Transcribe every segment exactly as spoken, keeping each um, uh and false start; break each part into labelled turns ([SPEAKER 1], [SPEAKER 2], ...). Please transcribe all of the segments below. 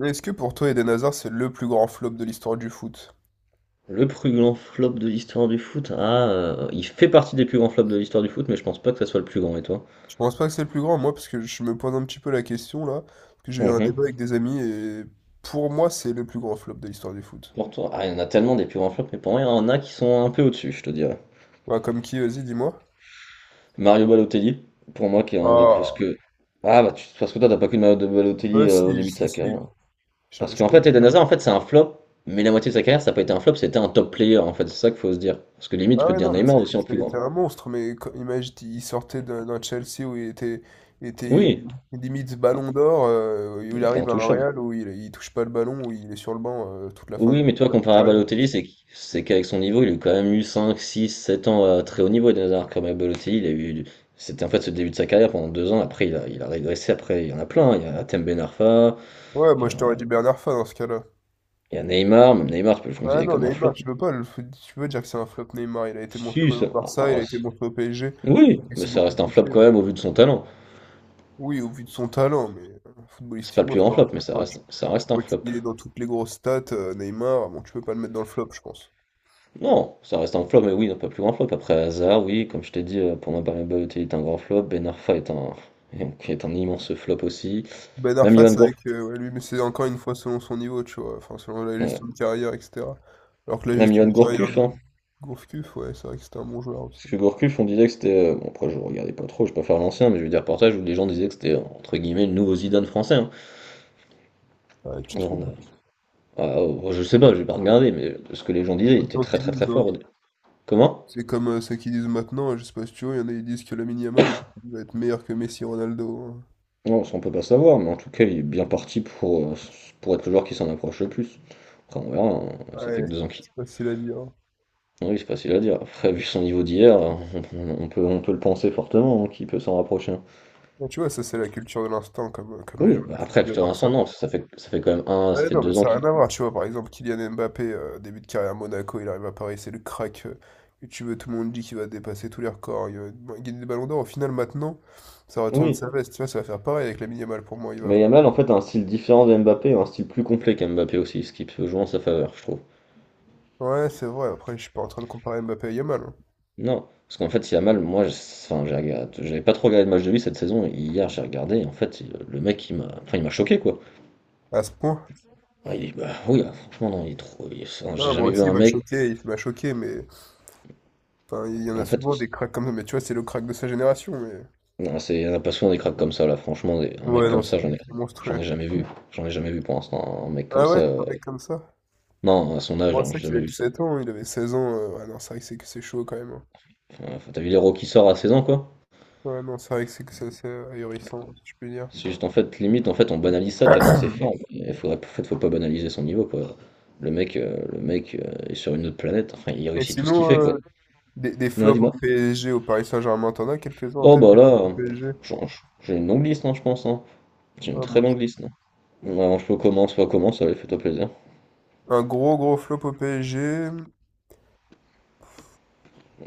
[SPEAKER 1] Mais est-ce que pour toi, Eden Hazard, c'est le plus grand flop de l'histoire du foot?
[SPEAKER 2] Le plus grand flop de l'histoire du foot? Ah, heu, il fait partie des plus grands flops de l'histoire du foot, mais je pense pas que ça soit le plus grand, et toi?
[SPEAKER 1] Je pense pas que c'est le plus grand, moi, parce que je me pose un petit peu la question là, parce que j'ai eu un
[SPEAKER 2] Mmh.
[SPEAKER 1] débat avec des amis et pour moi, c'est le plus grand flop de l'histoire du foot.
[SPEAKER 2] Pour toi? Ah, il y en a tellement des plus grands flops, mais pour moi, il y en a qui sont un peu au-dessus, je te dirais.
[SPEAKER 1] Ouais, comme qui, vas-y, dis-moi.
[SPEAKER 2] Mario Balotelli, pour moi, qui est un des plus... Parce
[SPEAKER 1] Ah,
[SPEAKER 2] que ah, bah, tu parce que toi, t'as pas qu'une Mario de
[SPEAKER 1] ouais,
[SPEAKER 2] Balotelli, heu,
[SPEAKER 1] si,
[SPEAKER 2] au début de
[SPEAKER 1] si,
[SPEAKER 2] sa
[SPEAKER 1] si,
[SPEAKER 2] carrière. Parce
[SPEAKER 1] je, je
[SPEAKER 2] qu'en
[SPEAKER 1] connais
[SPEAKER 2] fait, Eden
[SPEAKER 1] bien.
[SPEAKER 2] Hazard, en fait, c'est un flop, mais la moitié de sa carrière, ça a pas été un flop, c'était un top player, en fait, c'est ça qu'il faut se dire. Parce que limite, tu
[SPEAKER 1] Ah
[SPEAKER 2] peux te
[SPEAKER 1] ouais,
[SPEAKER 2] dire
[SPEAKER 1] non, mais
[SPEAKER 2] Neymar
[SPEAKER 1] c'est-
[SPEAKER 2] aussi en
[SPEAKER 1] ça a
[SPEAKER 2] plus
[SPEAKER 1] été
[SPEAKER 2] grand.
[SPEAKER 1] un monstre, mais quand- imagine, il sortait d'un d'un Chelsea où il était, il était
[SPEAKER 2] Oui,
[SPEAKER 1] limite
[SPEAKER 2] hein,
[SPEAKER 1] ballon d'or, euh, où
[SPEAKER 2] il
[SPEAKER 1] il
[SPEAKER 2] était
[SPEAKER 1] arrive à un
[SPEAKER 2] intouchable.
[SPEAKER 1] Real où il, il touche pas le ballon, où il est sur le banc euh, toute la fin de
[SPEAKER 2] Oui, mais toi,
[SPEAKER 1] sa
[SPEAKER 2] comparé à
[SPEAKER 1] carrière.
[SPEAKER 2] Balotelli, c'est qu- c'est qu'avec son niveau, il a eu quand même eu cinq, six, sept ans à très haut niveau. Et Nazar, comme à Balotelli, il a eu. C'était en fait ce début de sa carrière pendant deux ans. Après, il a, il a régressé. Après, il y en a plein, hein. Il y a Atem Ben Arfa,
[SPEAKER 1] Ouais, moi
[SPEAKER 2] il y
[SPEAKER 1] je
[SPEAKER 2] a,
[SPEAKER 1] t'aurais dit Bernard Fan dans ce cas-là.
[SPEAKER 2] il y a Neymar. Même Neymar, tu peux le
[SPEAKER 1] Ah
[SPEAKER 2] considérer
[SPEAKER 1] non,
[SPEAKER 2] comme un
[SPEAKER 1] Neymar,
[SPEAKER 2] flop.
[SPEAKER 1] tu peux pas le... tu peux dire que c'est un flop Neymar. Il a été
[SPEAKER 2] Si,
[SPEAKER 1] montré au
[SPEAKER 2] ça. Ah,
[SPEAKER 1] Barça, il
[SPEAKER 2] ah,
[SPEAKER 1] a été montré
[SPEAKER 2] c'est-
[SPEAKER 1] au P S G,
[SPEAKER 2] oui,
[SPEAKER 1] il
[SPEAKER 2] mais
[SPEAKER 1] s'est
[SPEAKER 2] ça
[SPEAKER 1] beaucoup
[SPEAKER 2] reste un flop
[SPEAKER 1] blessé.
[SPEAKER 2] quand même au vu de son talent.
[SPEAKER 1] Oui, au vu de son talent, mais euh,
[SPEAKER 2] C'est pas le
[SPEAKER 1] footballistiquement,
[SPEAKER 2] plus
[SPEAKER 1] c'est
[SPEAKER 2] grand
[SPEAKER 1] pas un
[SPEAKER 2] flop, mais
[SPEAKER 1] flop,
[SPEAKER 2] ça
[SPEAKER 1] hein. Tu,
[SPEAKER 2] reste, ça
[SPEAKER 1] tu
[SPEAKER 2] reste un
[SPEAKER 1] vois
[SPEAKER 2] flop.
[SPEAKER 1] qu'il est dans toutes les grosses stats, euh, Neymar, bon, tu peux pas le mettre dans le flop, je pense.
[SPEAKER 2] Non, ça reste un flop, mais oui, non, pas le plus grand flop. Après, Hazard, oui, comme je t'ai dit, euh, pour moi, Balotelli est un grand flop. Ben Arfa est un, est un immense flop aussi.
[SPEAKER 1] Ben
[SPEAKER 2] Même
[SPEAKER 1] Arfa,
[SPEAKER 2] Johan
[SPEAKER 1] c'est
[SPEAKER 2] Gour...
[SPEAKER 1] vrai que euh, ouais, lui, mais c'est encore une fois selon son niveau, tu vois, enfin, selon la
[SPEAKER 2] ouais.
[SPEAKER 1] gestion de carrière, et cetera. Alors que la
[SPEAKER 2] Même
[SPEAKER 1] gestion
[SPEAKER 2] Johan
[SPEAKER 1] de carrière
[SPEAKER 2] Gourcuff,
[SPEAKER 1] de
[SPEAKER 2] hein.
[SPEAKER 1] Gourcuff, ouais, c'est vrai que c'était un bon joueur aussi.
[SPEAKER 2] Parce que Gourcuff, on disait que c'était, euh, Bon, après, je regardais pas trop, je préfère l'ancien, mais j'ai vu des reportages où les gens disaient que c'était, entre guillemets, le nouveau Zidane français, hein.
[SPEAKER 1] Ouais, tu te
[SPEAKER 2] Et on a-
[SPEAKER 1] trompes.
[SPEAKER 2] Ah, oh, je sais pas, j'ai pas regardé, mais ce que les gens disaient, il était
[SPEAKER 1] Tant
[SPEAKER 2] très
[SPEAKER 1] qu'ils
[SPEAKER 2] très très
[SPEAKER 1] disent, hein.
[SPEAKER 2] fort. au dé- Comment?
[SPEAKER 1] C'est comme euh, ceux qui disent maintenant, je sais pas si tu vois, il y en a qui disent que Lamine Yamal va être meilleur que Messi Ronaldo, hein.
[SPEAKER 2] Non, ça on peut pas savoir, mais en tout cas, il est bien parti pour, euh, pour être le joueur qui s'en approche le plus. Après, on verra, hein, ça fait
[SPEAKER 1] Ouais,
[SPEAKER 2] que deux ans qu'il.
[SPEAKER 1] c'est facile à dire, hein.
[SPEAKER 2] Oui, c'est facile à dire. Après, vu son niveau d'hier, on, on peut, on peut le penser fortement, hein, qu'il peut s'en rapprocher.
[SPEAKER 1] Mais tu vois, ça c'est la culture de l'instant, comme, euh, comme les gens
[SPEAKER 2] Oui, bah
[SPEAKER 1] du foot,
[SPEAKER 2] après,
[SPEAKER 1] ils
[SPEAKER 2] plutôt
[SPEAKER 1] adorent ça.
[SPEAKER 2] Vincent, non, parce que ça fait, ça fait quand même un, ça
[SPEAKER 1] Ouais,
[SPEAKER 2] fait
[SPEAKER 1] non, mais
[SPEAKER 2] deux ans
[SPEAKER 1] ça n'a
[SPEAKER 2] qu'il.
[SPEAKER 1] rien à voir, tu vois, par exemple, Kylian Mbappé, euh, début de carrière à Monaco, il arrive à Paris, c'est le crack euh, que tu veux, tout le monde dit qu'il va dépasser tous les records, il va bon, gagner des ballons d'or, au final maintenant, ça retourne
[SPEAKER 2] Oui,
[SPEAKER 1] sa veste, tu vois, ça va faire pareil avec Lamine Yamal pour moi, il va.
[SPEAKER 2] mais Yamal en fait a un style différent de Mbappé, un style plus complet qu'Mbappé aussi, ce qui peut jouer en sa faveur, je trouve.
[SPEAKER 1] Ouais, c'est vrai, après je suis pas en train de comparer Mbappé à Yamal, hein.
[SPEAKER 2] Non, parce qu'en fait, si Yamal, moi, je- enfin, j'ai regardé- j'avais pas trop regardé de match de lui cette saison, et hier j'ai regardé, et en fait, il- le mec, il m'a, enfin, il m'a choqué, quoi.
[SPEAKER 1] À ce point.
[SPEAKER 2] Ouais, il est- bah, oui, ah, franchement, non, il est trop. Il- enfin,
[SPEAKER 1] Ah,
[SPEAKER 2] j'ai jamais
[SPEAKER 1] moi
[SPEAKER 2] vu
[SPEAKER 1] aussi, il
[SPEAKER 2] un
[SPEAKER 1] m'a
[SPEAKER 2] mec,
[SPEAKER 1] choqué, il m'a choqué, mais enfin, il y en
[SPEAKER 2] en
[SPEAKER 1] a
[SPEAKER 2] fait,
[SPEAKER 1] souvent des cracks comme ça, mais tu vois, c'est le crack de sa génération, mais...
[SPEAKER 2] non, c'est, on a pas souvent des cracks comme ça, là, franchement, des- un
[SPEAKER 1] Ouais,
[SPEAKER 2] mec
[SPEAKER 1] non, ouais,
[SPEAKER 2] comme
[SPEAKER 1] c'est
[SPEAKER 2] ça,
[SPEAKER 1] vrai
[SPEAKER 2] j'en
[SPEAKER 1] que
[SPEAKER 2] ai,
[SPEAKER 1] c'est
[SPEAKER 2] j'en ai
[SPEAKER 1] monstrueux.
[SPEAKER 2] jamais vu, j'en ai jamais vu pour l'instant, un mec comme
[SPEAKER 1] Ah
[SPEAKER 2] ça,
[SPEAKER 1] ouais, un
[SPEAKER 2] euh,
[SPEAKER 1] mec comme ça.
[SPEAKER 2] non, à son âge,
[SPEAKER 1] Bon,
[SPEAKER 2] hein,
[SPEAKER 1] c'est
[SPEAKER 2] j'ai
[SPEAKER 1] vrai qu'il a
[SPEAKER 2] jamais vu ça.
[SPEAKER 1] dix-sept ans, hein, il avait seize ans. euh, Ouais, non, c'est vrai que c'est que c'est chaud quand même, hein.
[SPEAKER 2] Enfin, t'as vu l'héros qui sort à 16 ans, quoi?
[SPEAKER 1] Ouais, non, c'est vrai que c'est que c'est assez ahurissant, si je puis dire.
[SPEAKER 2] C'est juste, en fait, limite, en fait, on banalise ça tellement c'est fort. Il faudrait, en fait, faut pas banaliser son niveau, quoi. Le mec, euh, le mec euh, est sur une autre planète. Enfin, il
[SPEAKER 1] Et
[SPEAKER 2] réussit tout ce qu'il
[SPEAKER 1] sinon,
[SPEAKER 2] fait,
[SPEAKER 1] euh,
[SPEAKER 2] quoi.
[SPEAKER 1] des, des
[SPEAKER 2] Non,
[SPEAKER 1] flops au
[SPEAKER 2] dis-moi.
[SPEAKER 1] P S G, au Paris Saint-Germain, t'en as quelques-uns en
[SPEAKER 2] Oh,
[SPEAKER 1] tête
[SPEAKER 2] bah
[SPEAKER 1] des
[SPEAKER 2] là,
[SPEAKER 1] flops au
[SPEAKER 2] euh,
[SPEAKER 1] P S G?
[SPEAKER 2] j'en- j'ai une longue liste, non, je pense, hein. J'ai une
[SPEAKER 1] Ah,
[SPEAKER 2] très
[SPEAKER 1] moi aussi.
[SPEAKER 2] longue liste, non? Ouais, je peux commencer, pas commencer, allez, fais-toi plaisir.
[SPEAKER 1] Un gros gros flop au P S G.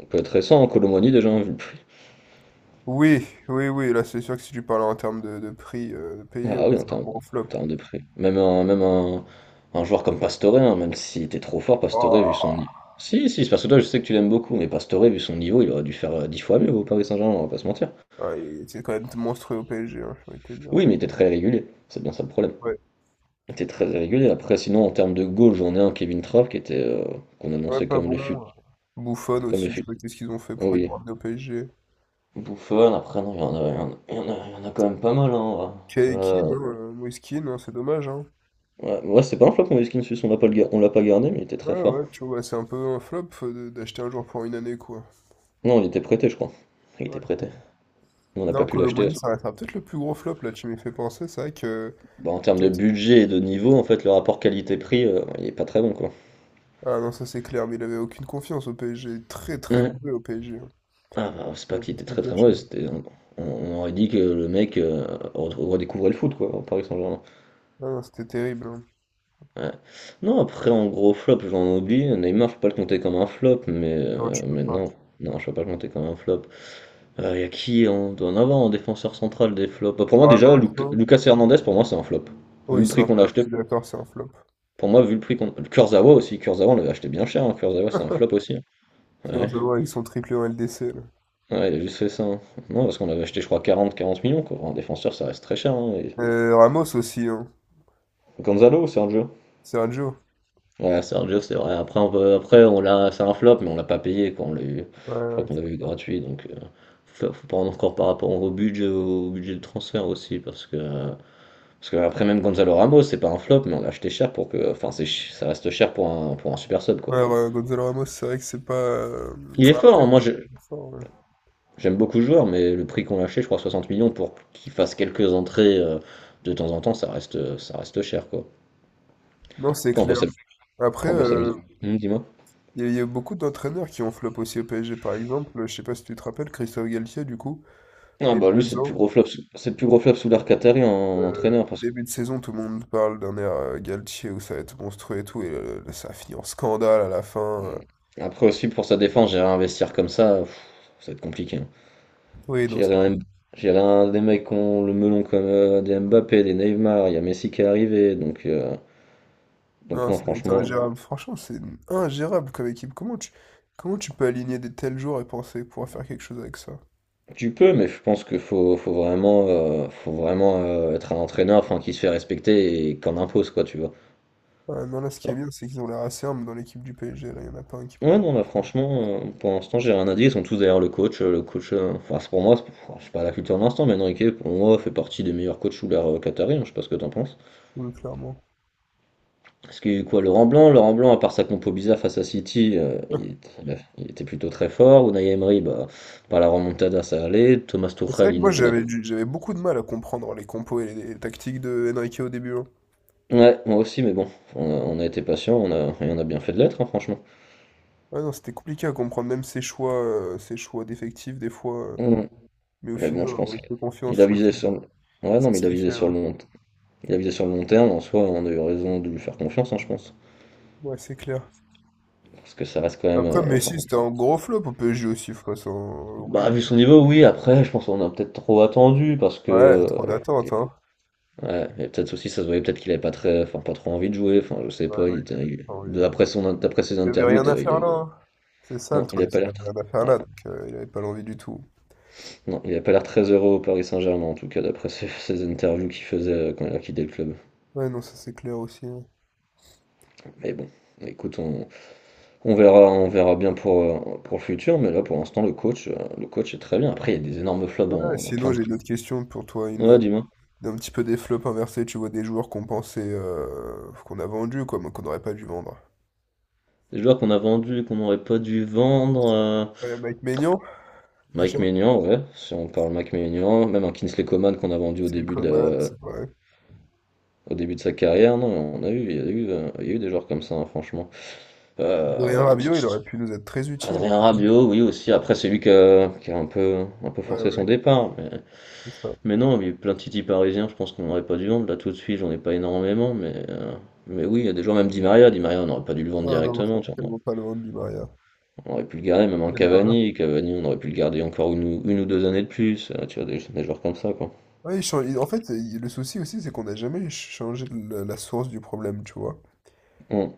[SPEAKER 2] On peut être récent, hein, Colomani, déjà, hein, vu-
[SPEAKER 1] Oui, oui, oui, là c'est sûr que si tu parles en termes de, de prix euh, de payé, oui,
[SPEAKER 2] Ah oui, en
[SPEAKER 1] c'est un
[SPEAKER 2] termes,
[SPEAKER 1] gros flop.
[SPEAKER 2] en termes de prix. Même un, même un, un joueur comme Pastore, hein, même si t'es trop fort, Pastore, vu son
[SPEAKER 1] Oh.
[SPEAKER 2] niveau. Si, si, c'est parce que toi, je sais que tu l'aimes beaucoup, mais Pastore, vu son niveau, il aurait dû faire euh, 10 fois mieux au Paris Saint-Germain, on va pas se mentir.
[SPEAKER 1] Ouais, il- c'est quand même monstrueux au P S G, hein, ça aurait été bien.
[SPEAKER 2] Oui, mais il était très régulier. C'est bien ça le problème.
[SPEAKER 1] Ouais,
[SPEAKER 2] Il était très régulier. Après, sinon, en termes de goal, j'en ai un, Kevin Trapp, qui était, euh, qu'on
[SPEAKER 1] ouais,
[SPEAKER 2] annonçait
[SPEAKER 1] pas
[SPEAKER 2] comme
[SPEAKER 1] bon.
[SPEAKER 2] le fut.
[SPEAKER 1] Bouffon
[SPEAKER 2] Comme le
[SPEAKER 1] aussi, je sais
[SPEAKER 2] fut.
[SPEAKER 1] pas qu'est-ce qu'ils ont fait
[SPEAKER 2] Oh,
[SPEAKER 1] pour le
[SPEAKER 2] oui.
[SPEAKER 1] ramener au P S G.
[SPEAKER 2] Bouffon, après, non, il y en a, il y en a, il y en a, il y en a quand même pas mal, hein.
[SPEAKER 1] Keiki,
[SPEAKER 2] Là,
[SPEAKER 1] non, euh, Moïskine, non, c'est dommage, hein.
[SPEAKER 2] ouais, ouais, c'est pas un flop, Moïse Kean Sus, on l'a pas, le gar- on l'a pas gardé, mais il était
[SPEAKER 1] Ouais,
[SPEAKER 2] très fort.
[SPEAKER 1] ouais, tu vois, c'est un peu un flop euh, de- d'acheter un joueur pour une année, quoi.
[SPEAKER 2] Non, il était prêté, je crois. Il était
[SPEAKER 1] Ouais, c'est
[SPEAKER 2] prêté.
[SPEAKER 1] vrai.
[SPEAKER 2] Nous, on n'a pas
[SPEAKER 1] Non,
[SPEAKER 2] pu
[SPEAKER 1] Kolo
[SPEAKER 2] l'acheter.
[SPEAKER 1] Muani,
[SPEAKER 2] parce que-
[SPEAKER 1] ça restera peut-être le plus gros flop, là, tu m'y fais penser, c'est vrai que...
[SPEAKER 2] Bah, en termes de
[SPEAKER 1] Quatre.
[SPEAKER 2] budget et de niveau, en fait, le rapport qualité-prix, euh, il est pas très bon, quoi.
[SPEAKER 1] Ah non, ça c'est clair, mais il avait aucune confiance au P S G, très très
[SPEAKER 2] Ouais.
[SPEAKER 1] mauvais au P S G, hein.
[SPEAKER 2] Ah, bah, c'est pas
[SPEAKER 1] On va
[SPEAKER 2] qu'il
[SPEAKER 1] pas se
[SPEAKER 2] était
[SPEAKER 1] le
[SPEAKER 2] très très
[SPEAKER 1] cacher,
[SPEAKER 2] mauvais,
[SPEAKER 1] hein.
[SPEAKER 2] c'était... On, on aurait dit que le mec euh, redécouvrait le foot, quoi, au Paris Saint-Germain.
[SPEAKER 1] Ah non, c'était terrible, hein.
[SPEAKER 2] Ouais. Non, après, en gros flop, j'en oublie. Neymar, je peux pas le compter comme un flop, mais,
[SPEAKER 1] Non,
[SPEAKER 2] euh,
[SPEAKER 1] tu peux
[SPEAKER 2] mais
[SPEAKER 1] pas.
[SPEAKER 2] non. Non, je peux pas le compter comme un flop. Il y a qui On doit en avoir en défenseur central des flops. Bah, pour moi, déjà,
[SPEAKER 1] Vraiment,
[SPEAKER 2] Luc-
[SPEAKER 1] ça.
[SPEAKER 2] Lucas Hernandez, pour moi, c'est un flop. Vu
[SPEAKER 1] Oui,
[SPEAKER 2] le
[SPEAKER 1] c'est
[SPEAKER 2] prix
[SPEAKER 1] un
[SPEAKER 2] qu'on l'a
[SPEAKER 1] flop, je
[SPEAKER 2] acheté.
[SPEAKER 1] suis d'accord, c'est un flop.
[SPEAKER 2] Pour moi, vu le prix qu'on... Kurzawa aussi, Kurzawa on l'avait acheté bien cher, hein. Kurzawa c'est un flop aussi, hein.
[SPEAKER 1] Qui vont
[SPEAKER 2] Ouais.
[SPEAKER 1] savoir avec son triplé en L D C, là.
[SPEAKER 2] Ouais, il a juste fait ça, hein. Non, parce qu'on l'avait acheté je crois quarante, quarante millions, quoi. Un défenseur, ça reste très cher, hein, et-
[SPEAKER 1] Euh, Ramos aussi, hein.
[SPEAKER 2] Gonzalo ou Sergio?
[SPEAKER 1] Sergio.
[SPEAKER 2] Ouais, Sergio c'est vrai. Après, on peut- Après on l'a... c'est un flop, mais on l'a pas payé quand on l'a eu.
[SPEAKER 1] Ouais,
[SPEAKER 2] Je crois
[SPEAKER 1] ouais,
[SPEAKER 2] qu'on
[SPEAKER 1] c'est
[SPEAKER 2] l'avait eu
[SPEAKER 1] ça.
[SPEAKER 2] gratuit, donc euh, faut faut prendre encore par rapport au budget, au budget de transfert aussi, parce que. Parce que après même Gonzalo Ramos, c'est pas un flop, mais on l'a acheté cher pour que. Enfin, c'est... ch- ça reste cher pour un, pour un, super sub, quoi.
[SPEAKER 1] Ouais, ouais, Gonzalo Ramos, c'est vrai que c'est pas. euh,
[SPEAKER 2] Il est fort,
[SPEAKER 1] Après,
[SPEAKER 2] hein, moi je,
[SPEAKER 1] il est fort, ouais.
[SPEAKER 2] j'aime beaucoup le joueur, mais le prix qu'on l'a acheté, je crois 60 millions, pour qu'il fasse quelques entrées euh, de temps en temps, ça reste, ça reste cher, quoi.
[SPEAKER 1] Non, c'est
[SPEAKER 2] Après, on peut
[SPEAKER 1] clair.
[SPEAKER 2] s'amuser.
[SPEAKER 1] Après,
[SPEAKER 2] Après, on peut
[SPEAKER 1] euh,
[SPEAKER 2] s'amuser. Hum, dis-moi.
[SPEAKER 1] il y, a il y a beaucoup d'entraîneurs qui ont flop aussi au P S G, par exemple. Je sais pas si tu te rappelles, Christophe Galtier, du coup,
[SPEAKER 2] Ah
[SPEAKER 1] il y a
[SPEAKER 2] bah lui, c'est
[SPEAKER 1] deux
[SPEAKER 2] le plus
[SPEAKER 1] ans,
[SPEAKER 2] gros flop, sous- c'est le plus gros flop sous l'ère qatari en, en entraîneur, parce que...
[SPEAKER 1] début de saison, tout le monde parle d'un air euh, Galtier où ça va être monstrueux et tout, et euh, ça a fini en scandale à la fin. Euh.
[SPEAKER 2] Hmm. Après aussi, pour sa défense, gérer un vestiaire comme ça, pff, ça va être compliqué, hein.
[SPEAKER 1] Oui, non,
[SPEAKER 2] Gérer un, gérer un- des mecs qui ont le melon comme euh, des Mbappé, des Neymar, il y a Messi qui est arrivé, donc... euh, donc
[SPEAKER 1] non,
[SPEAKER 2] non,
[SPEAKER 1] ça doit être
[SPEAKER 2] franchement...
[SPEAKER 1] ingérable. Franchement, c'est ingérable comme équipe. Comment tu, comment tu peux aligner des tels joueurs et penser pouvoir faire quelque chose avec ça?
[SPEAKER 2] Tu peux, mais je pense qu'il faut, faut vraiment, euh, faut vraiment euh, être un entraîneur enfin, qui se fait respecter et qu'on impose, quoi, tu vois.
[SPEAKER 1] Ah, non, là, ce qui est
[SPEAKER 2] Genre.
[SPEAKER 1] bien, c'est qu'ils ont l'air assez humbles dans l'équipe du P S G. Là, il n'y en a pas un qui prend
[SPEAKER 2] Ouais,
[SPEAKER 1] la
[SPEAKER 2] non, bah, franchement, euh, pour l'instant, j'ai rien à dire. Ils sont tous derrière le coach. euh, Le coach, euh, enfin, c'est pour moi, c'est pour- enfin, je sais pas la culture de l'instant, mais Enrique, pour moi, fait partie des meilleurs coachs sous l'ère euh, qatari, hein, je sais pas ce que t'en penses.
[SPEAKER 1] boule, clairement.
[SPEAKER 2] Parce qu'il quoi, Laurent Blanc? Laurent Blanc, à part sa compo bizarre face à City, euh, il, était il était plutôt très fort. Unai Emery, bah, par la remontada, ça allait. Thomas
[SPEAKER 1] Mais c'est
[SPEAKER 2] Tuchel,
[SPEAKER 1] vrai que
[SPEAKER 2] il
[SPEAKER 1] moi,
[SPEAKER 2] nous fait
[SPEAKER 1] j'avais
[SPEAKER 2] notre...
[SPEAKER 1] du- j'avais beaucoup de mal à comprendre les compos et les, les tactiques de Enrique au début, hein.
[SPEAKER 2] Ouais, moi aussi, mais bon, on a, on a été patient, on a, et on a bien fait de l'être, hein, franchement.
[SPEAKER 1] Ah non, c'était compliqué à comprendre, même ses choix, euh, ses choix d'effectifs, des fois. Euh,
[SPEAKER 2] Mm.
[SPEAKER 1] mais au
[SPEAKER 2] Mais
[SPEAKER 1] final,
[SPEAKER 2] bon, je
[SPEAKER 1] on
[SPEAKER 2] pense
[SPEAKER 1] lui fait confiance,
[SPEAKER 2] qu'il
[SPEAKER 1] je
[SPEAKER 2] a
[SPEAKER 1] crois que
[SPEAKER 2] visé sur le... Ouais, non,
[SPEAKER 1] c'est
[SPEAKER 2] mais
[SPEAKER 1] ce
[SPEAKER 2] il a
[SPEAKER 1] qu'il
[SPEAKER 2] visé
[SPEAKER 1] fait.
[SPEAKER 2] sur
[SPEAKER 1] Ouais,
[SPEAKER 2] le long... Il a visé sur le long terme, en soi, on a eu raison de lui faire confiance, hein, je pense.
[SPEAKER 1] ouais, c'est clair.
[SPEAKER 2] Parce que ça reste quand même...
[SPEAKER 1] Après,
[SPEAKER 2] euh, enfin...
[SPEAKER 1] Messi, c'était un gros flop au P S G aussi, faut pas s'en
[SPEAKER 2] Bah,
[SPEAKER 1] oublier.
[SPEAKER 2] vu son niveau, oui, après, je pense qu'on a peut-être trop attendu, parce que...
[SPEAKER 1] Ouais,
[SPEAKER 2] euh,
[SPEAKER 1] trop d'attente,
[SPEAKER 2] et-
[SPEAKER 1] hein.
[SPEAKER 2] Ouais, et peut-être aussi, ça se voyait peut-être qu'il avait pas très... Enfin, pas trop envie de jouer, enfin, je sais
[SPEAKER 1] Ouais,
[SPEAKER 2] pas,
[SPEAKER 1] non,
[SPEAKER 2] il
[SPEAKER 1] il
[SPEAKER 2] était...
[SPEAKER 1] avait
[SPEAKER 2] il-
[SPEAKER 1] pas envie,
[SPEAKER 2] de-
[SPEAKER 1] ouais.
[SPEAKER 2] D'après son... D'après ses
[SPEAKER 1] Il avait
[SPEAKER 2] interviews, il
[SPEAKER 1] rien à
[SPEAKER 2] était... il
[SPEAKER 1] faire là,
[SPEAKER 2] avait...
[SPEAKER 1] hein. C'est ça le
[SPEAKER 2] Non, il avait
[SPEAKER 1] truc,
[SPEAKER 2] pas
[SPEAKER 1] il
[SPEAKER 2] l'air...
[SPEAKER 1] avait
[SPEAKER 2] très-
[SPEAKER 1] rien à faire là, donc euh, il avait pas l'envie du tout.
[SPEAKER 2] Non, il n'a pas l'air très heureux au Paris Saint-Germain, en tout cas, d'après ses, ses interviews qu'il faisait euh, quand il a quitté le club.
[SPEAKER 1] Ouais, non, ça c'est clair aussi, hein.
[SPEAKER 2] Mais bon, écoute, on, on verra, on verra bien pour, euh, pour le futur, mais là, pour l'instant, le coach, euh, le coach est très bien. Après, il y a des énormes flops
[SPEAKER 1] Ouais,
[SPEAKER 2] dans, dans plein
[SPEAKER 1] sinon
[SPEAKER 2] de...
[SPEAKER 1] j'ai une
[SPEAKER 2] clubs.
[SPEAKER 1] autre question pour toi, une
[SPEAKER 2] Ouais, dis-moi.
[SPEAKER 1] d'un petit peu des flops inversés, tu vois, des joueurs qu'on pensait euh, qu'on a vendus, quoi, mais qu'on n'aurait pas dû vendre.
[SPEAKER 2] Des joueurs qu'on a vendus, qu'on n'aurait pas dû vendre. euh,
[SPEAKER 1] Ouais, Mike Maignan, déjà,
[SPEAKER 2] Mike Maignan, ouais, si on parle Mike Maignan, même un Kingsley Coman qu'on a vendu au
[SPEAKER 1] c'est les
[SPEAKER 2] début de
[SPEAKER 1] Coman,
[SPEAKER 2] la-
[SPEAKER 1] c'est vrai.
[SPEAKER 2] au début de sa carrière. Non, on a eu, il y a eu, euh, il y a eu des joueurs comme ça, hein, franchement.
[SPEAKER 1] Adrien
[SPEAKER 2] Euh,
[SPEAKER 1] Rabiot, il aurait pu nous être très utile.
[SPEAKER 2] Adrien Rabiot, oui aussi. Après, c'est lui qui a, qui a un peu, un peu
[SPEAKER 1] Ouais,
[SPEAKER 2] forcé son
[SPEAKER 1] ouais,
[SPEAKER 2] départ. Mais,
[SPEAKER 1] c'est ça.
[SPEAKER 2] mais non, il y a eu plein de titis parisiens, je pense qu'on n'aurait pas dû vendre. Là, tout de suite, j'en ai pas énormément. Mais, euh, mais oui, il y a des joueurs, même Di Maria. Di Maria, on n'aurait pas dû le vendre
[SPEAKER 1] Ah non, ça
[SPEAKER 2] directement, tu
[SPEAKER 1] ne
[SPEAKER 2] vois.
[SPEAKER 1] vaut pas le vendre du Maria.
[SPEAKER 2] On aurait pu le garder, même un
[SPEAKER 1] Quelle erreur.
[SPEAKER 2] Cavani. Cavani, on aurait pu le garder encore une, ou- une ou deux années de plus. Euh, tu vois, des, des joueurs comme ça, quoi.
[SPEAKER 1] Ouais, il change- il- en fait, il- le souci aussi, c'est qu'on n'a jamais changé la, la source du problème, tu vois.
[SPEAKER 2] Hum,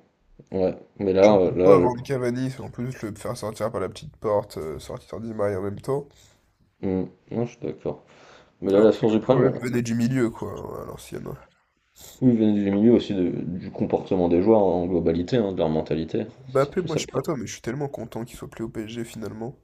[SPEAKER 2] ouais. Mais là,
[SPEAKER 1] Genre,
[SPEAKER 2] euh,
[SPEAKER 1] pourquoi
[SPEAKER 2] là, je-
[SPEAKER 1] vendre Cavani, en plus le faire sortir par la petite porte, euh, sortir d'Imaï en même temps,
[SPEAKER 2] hum, non, je suis d'accord. Mais là, la
[SPEAKER 1] alors que
[SPEAKER 2] source
[SPEAKER 1] le
[SPEAKER 2] du problème,
[SPEAKER 1] problème
[SPEAKER 2] voilà.
[SPEAKER 1] venait du milieu, quoi, hein, à l'ancienne.
[SPEAKER 2] Oui, il vient du milieu aussi de- du comportement des joueurs en globalité, hein, de leur mentalité. C'est
[SPEAKER 1] Mbappé,
[SPEAKER 2] surtout
[SPEAKER 1] moi,
[SPEAKER 2] ça
[SPEAKER 1] je
[SPEAKER 2] le
[SPEAKER 1] sais pas
[SPEAKER 2] problème.
[SPEAKER 1] toi, mais je suis tellement content qu'il soit plus au P S G, finalement.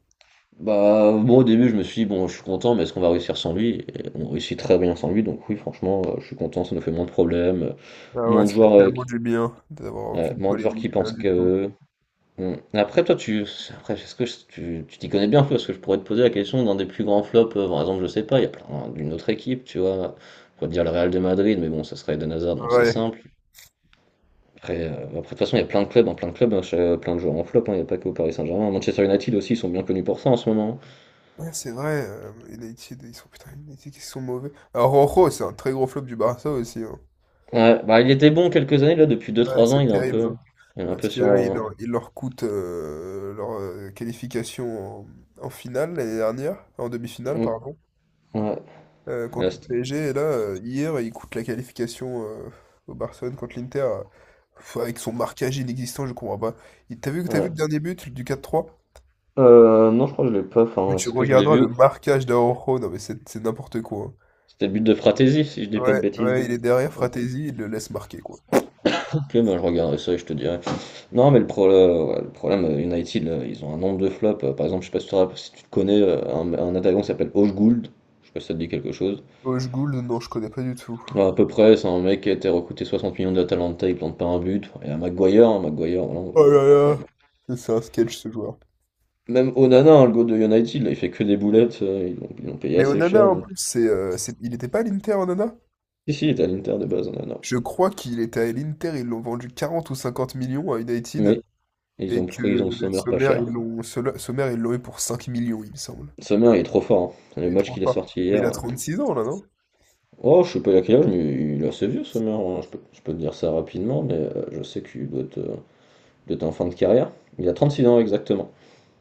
[SPEAKER 2] Bah, moi au début, je me suis dit, bon, je suis content, mais est-ce qu'on va réussir sans lui? Et on réussit très bien sans lui, donc oui, franchement, euh, je suis content, ça nous fait moins de problèmes, euh,
[SPEAKER 1] Ah
[SPEAKER 2] moins
[SPEAKER 1] ouais,
[SPEAKER 2] de
[SPEAKER 1] ça fait
[SPEAKER 2] joueurs, euh,
[SPEAKER 1] tellement
[SPEAKER 2] qui,
[SPEAKER 1] du bien d'avoir
[SPEAKER 2] ouais,
[SPEAKER 1] aucune
[SPEAKER 2] moins de joueurs qui
[SPEAKER 1] polémique, rien
[SPEAKER 2] pensent
[SPEAKER 1] du tout.
[SPEAKER 2] que. Hmm. Après, toi, tu, après, est-ce que je- tu tu t'y connais bien un peu? Parce que je pourrais te poser la question d'un des plus grands flops. Euh, par exemple, je sais pas, il y a plein d'une autre équipe, tu vois, on pourrait te dire le Real de Madrid, mais bon, ça serait Eden Hazard, donc c'est
[SPEAKER 1] Ouais.
[SPEAKER 2] simple. Après, euh, après, de toute façon, il y a plein de clubs, hein, plein de clubs, hein, ch- plein de joueurs en flop, hein, il n'y a pas que au Paris Saint-Germain. Manchester United aussi, ils sont bien connus pour ça en ce moment.
[SPEAKER 1] Ouais, c'est vrai, euh, United, ils sont, putain, United, ils sont mauvais. Alors, Rojo, c'est un très gros flop du Barça aussi, hein.
[SPEAKER 2] Ouais, bah, il était bon quelques années, là, depuis deux
[SPEAKER 1] Ouais,
[SPEAKER 2] trois ans,
[SPEAKER 1] c'est
[SPEAKER 2] il est un
[SPEAKER 1] terrible.
[SPEAKER 2] peu, il est un
[SPEAKER 1] Parce
[SPEAKER 2] peu
[SPEAKER 1] que
[SPEAKER 2] sur.
[SPEAKER 1] là, il
[SPEAKER 2] Euh,
[SPEAKER 1] leur, il leur coûte euh, leur euh, qualification en, en finale l'année dernière, en demi-finale,
[SPEAKER 2] mm.
[SPEAKER 1] pardon,
[SPEAKER 2] Ouais,
[SPEAKER 1] euh,
[SPEAKER 2] là,
[SPEAKER 1] contre le
[SPEAKER 2] c'était
[SPEAKER 1] P S G. Et là, euh, hier, il coûte la qualification euh, au Barcelone contre l'Inter. Euh, pff, avec son marquage inexistant, je comprends pas. Il- T'as vu, t'as vu
[SPEAKER 2] ouais.
[SPEAKER 1] le dernier but du quatre trois?
[SPEAKER 2] Euh, non, je crois que je l'ai pas.
[SPEAKER 1] Mais
[SPEAKER 2] Enfin,
[SPEAKER 1] tu
[SPEAKER 2] est-ce que je l'ai
[SPEAKER 1] regarderas le
[SPEAKER 2] vu?
[SPEAKER 1] marquage d'Araujo, non mais c'est c'est n'importe quoi,
[SPEAKER 2] C'était le but de Fratesi, si je
[SPEAKER 1] hein.
[SPEAKER 2] dis pas de
[SPEAKER 1] Ouais, ouais,
[SPEAKER 2] bêtises.
[SPEAKER 1] il est derrière
[SPEAKER 2] Ok,
[SPEAKER 1] Fratesi, il le laisse marquer, quoi.
[SPEAKER 2] bah, je regarderai ça et je te dirai. Non, mais le, pro- euh, ouais, le problème, euh, United, là, ils ont un nombre de flops. Euh, Par exemple, je sais pas si tu, te si tu te connais, euh, un, un attaquant qui s'appelle Højgård. Je sais pas si ça te dit quelque chose.
[SPEAKER 1] Hoche Gould, non, je connais pas du tout.
[SPEAKER 2] Ouais, à peu près, c'est un mec qui a été recruté soixante millions d'Atalanta, il plante pas un but. Il y a Maguire, hein, Maguire, voilà, on-
[SPEAKER 1] Oh là
[SPEAKER 2] je peux pas.
[SPEAKER 1] là, c'est c'est un sketch ce joueur.
[SPEAKER 2] Même Onana, hein, le goal de United, là, il fait que des boulettes, euh, ils l'ont ils l'ont payé
[SPEAKER 1] Mais
[SPEAKER 2] assez
[SPEAKER 1] Onana,
[SPEAKER 2] cher.
[SPEAKER 1] en
[SPEAKER 2] Donc…
[SPEAKER 1] plus, c'est, euh, c'est- il n'était pas à l'Inter, Onana?
[SPEAKER 2] Si, si, il était à l'Inter de base, Onana.
[SPEAKER 1] Je crois qu'il était à l'Inter, ils l'ont vendu quarante ou cinquante millions à United,
[SPEAKER 2] Oui, ils
[SPEAKER 1] et
[SPEAKER 2] ont pris, ils ont
[SPEAKER 1] que
[SPEAKER 2] Sommer pas
[SPEAKER 1] Sommer, ils
[SPEAKER 2] cher.
[SPEAKER 1] l'ont Sol- Sommer, ils l'ont eu pour cinq millions, il me semble.
[SPEAKER 2] Sommer, il est trop fort, hein. Le
[SPEAKER 1] Mais,
[SPEAKER 2] match
[SPEAKER 1] trop
[SPEAKER 2] qu'il a
[SPEAKER 1] pas.
[SPEAKER 2] sorti
[SPEAKER 1] Mais il
[SPEAKER 2] hier.
[SPEAKER 1] a
[SPEAKER 2] euh,
[SPEAKER 1] trente-six ans, là, non?
[SPEAKER 2] Oh, je sais pas il a quel âge, mais il est assez vieux, Sommer, hein. Je peux, je peux te dire ça rapidement, mais euh, je sais qu'il doit être, euh, doit être en fin de carrière. Il a trente-six ans exactement.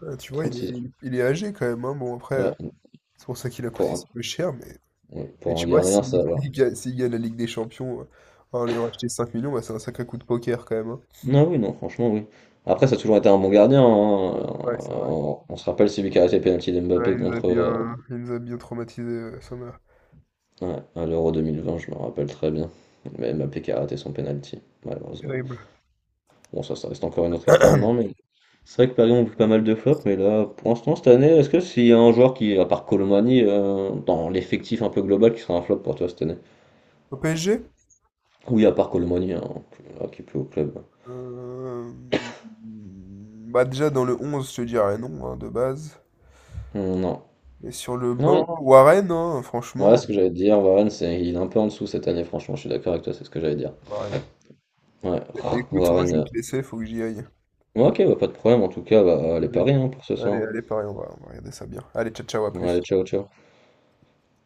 [SPEAKER 1] Euh, tu vois, il est,
[SPEAKER 2] trente-six ans.
[SPEAKER 1] il est- il est âgé quand même, hein. Bon, après, euh,
[SPEAKER 2] Ouais,
[SPEAKER 1] c'est pour ça qu'il a coûté
[SPEAKER 2] pour un,
[SPEAKER 1] si peu cher, mais,
[SPEAKER 2] ouais,
[SPEAKER 1] mais
[SPEAKER 2] pour un
[SPEAKER 1] tu vois,
[SPEAKER 2] gardien,
[SPEAKER 1] si-
[SPEAKER 2] ça
[SPEAKER 1] s'il
[SPEAKER 2] va.
[SPEAKER 1] gagne, s'il gagne la Ligue des Champions euh, en l'ayant acheté cinq millions, bah, c'est un sacré coup de poker quand même, hein.
[SPEAKER 2] Non, oui, non, franchement, oui. Après, ça a toujours été un bon gardien, hein. Euh,
[SPEAKER 1] Ouais, c'est vrai.
[SPEAKER 2] On, on se rappelle celui qui a arrêté le penalty
[SPEAKER 1] Ouais,
[SPEAKER 2] d'Mbappé
[SPEAKER 1] il nous a
[SPEAKER 2] contre,
[SPEAKER 1] bien,
[SPEAKER 2] euh,
[SPEAKER 1] euh, il nous a bien traumatisé, euh, Sommer.
[SPEAKER 2] ouais, à l'Euro deux mille vingt, je me rappelle très bien. Mais Mbappé qui a raté son penalty, malheureusement.
[SPEAKER 1] Terrible.
[SPEAKER 2] Bon, ça, ça reste encore une autre histoire, non, mais c'est vrai que Paris ont vu pas mal de flops, mais là, pour l'instant, cette année, est-ce que s'il y a un joueur qui, à part Colomani, euh, dans l'effectif un peu global, qui sera un flop pour toi cette année?
[SPEAKER 1] Au P S G?
[SPEAKER 2] Oui, à part Colomani, hein, là, qui est plus au club.
[SPEAKER 1] Euh, hmm, Bah déjà dans le onze je te dirais non, hein, de base.
[SPEAKER 2] Hum, Non.
[SPEAKER 1] Mais sur le
[SPEAKER 2] Non, oui.
[SPEAKER 1] banc, Warren, hein,
[SPEAKER 2] Ouais,
[SPEAKER 1] franchement.
[SPEAKER 2] ce que j'allais te dire, Warren, c'est, il est un peu en dessous cette année, franchement, je suis d'accord avec toi, c'est ce que j'allais dire.
[SPEAKER 1] Warren.
[SPEAKER 2] Ouais, oh,
[SPEAKER 1] Écoute, moi
[SPEAKER 2] Warren.
[SPEAKER 1] je vais
[SPEAKER 2] euh,
[SPEAKER 1] te laisser, faut que j'y aille.
[SPEAKER 2] ouais, ok, bah, pas de problème, en tout cas, bah, les
[SPEAKER 1] Désolé.
[SPEAKER 2] paris hein, pour ce
[SPEAKER 1] Allez,
[SPEAKER 2] soir.
[SPEAKER 1] allez, pareil, on va, on va regarder ça bien. Allez, ciao, ciao, à
[SPEAKER 2] Ouais, allez,
[SPEAKER 1] plus.
[SPEAKER 2] ciao, ciao.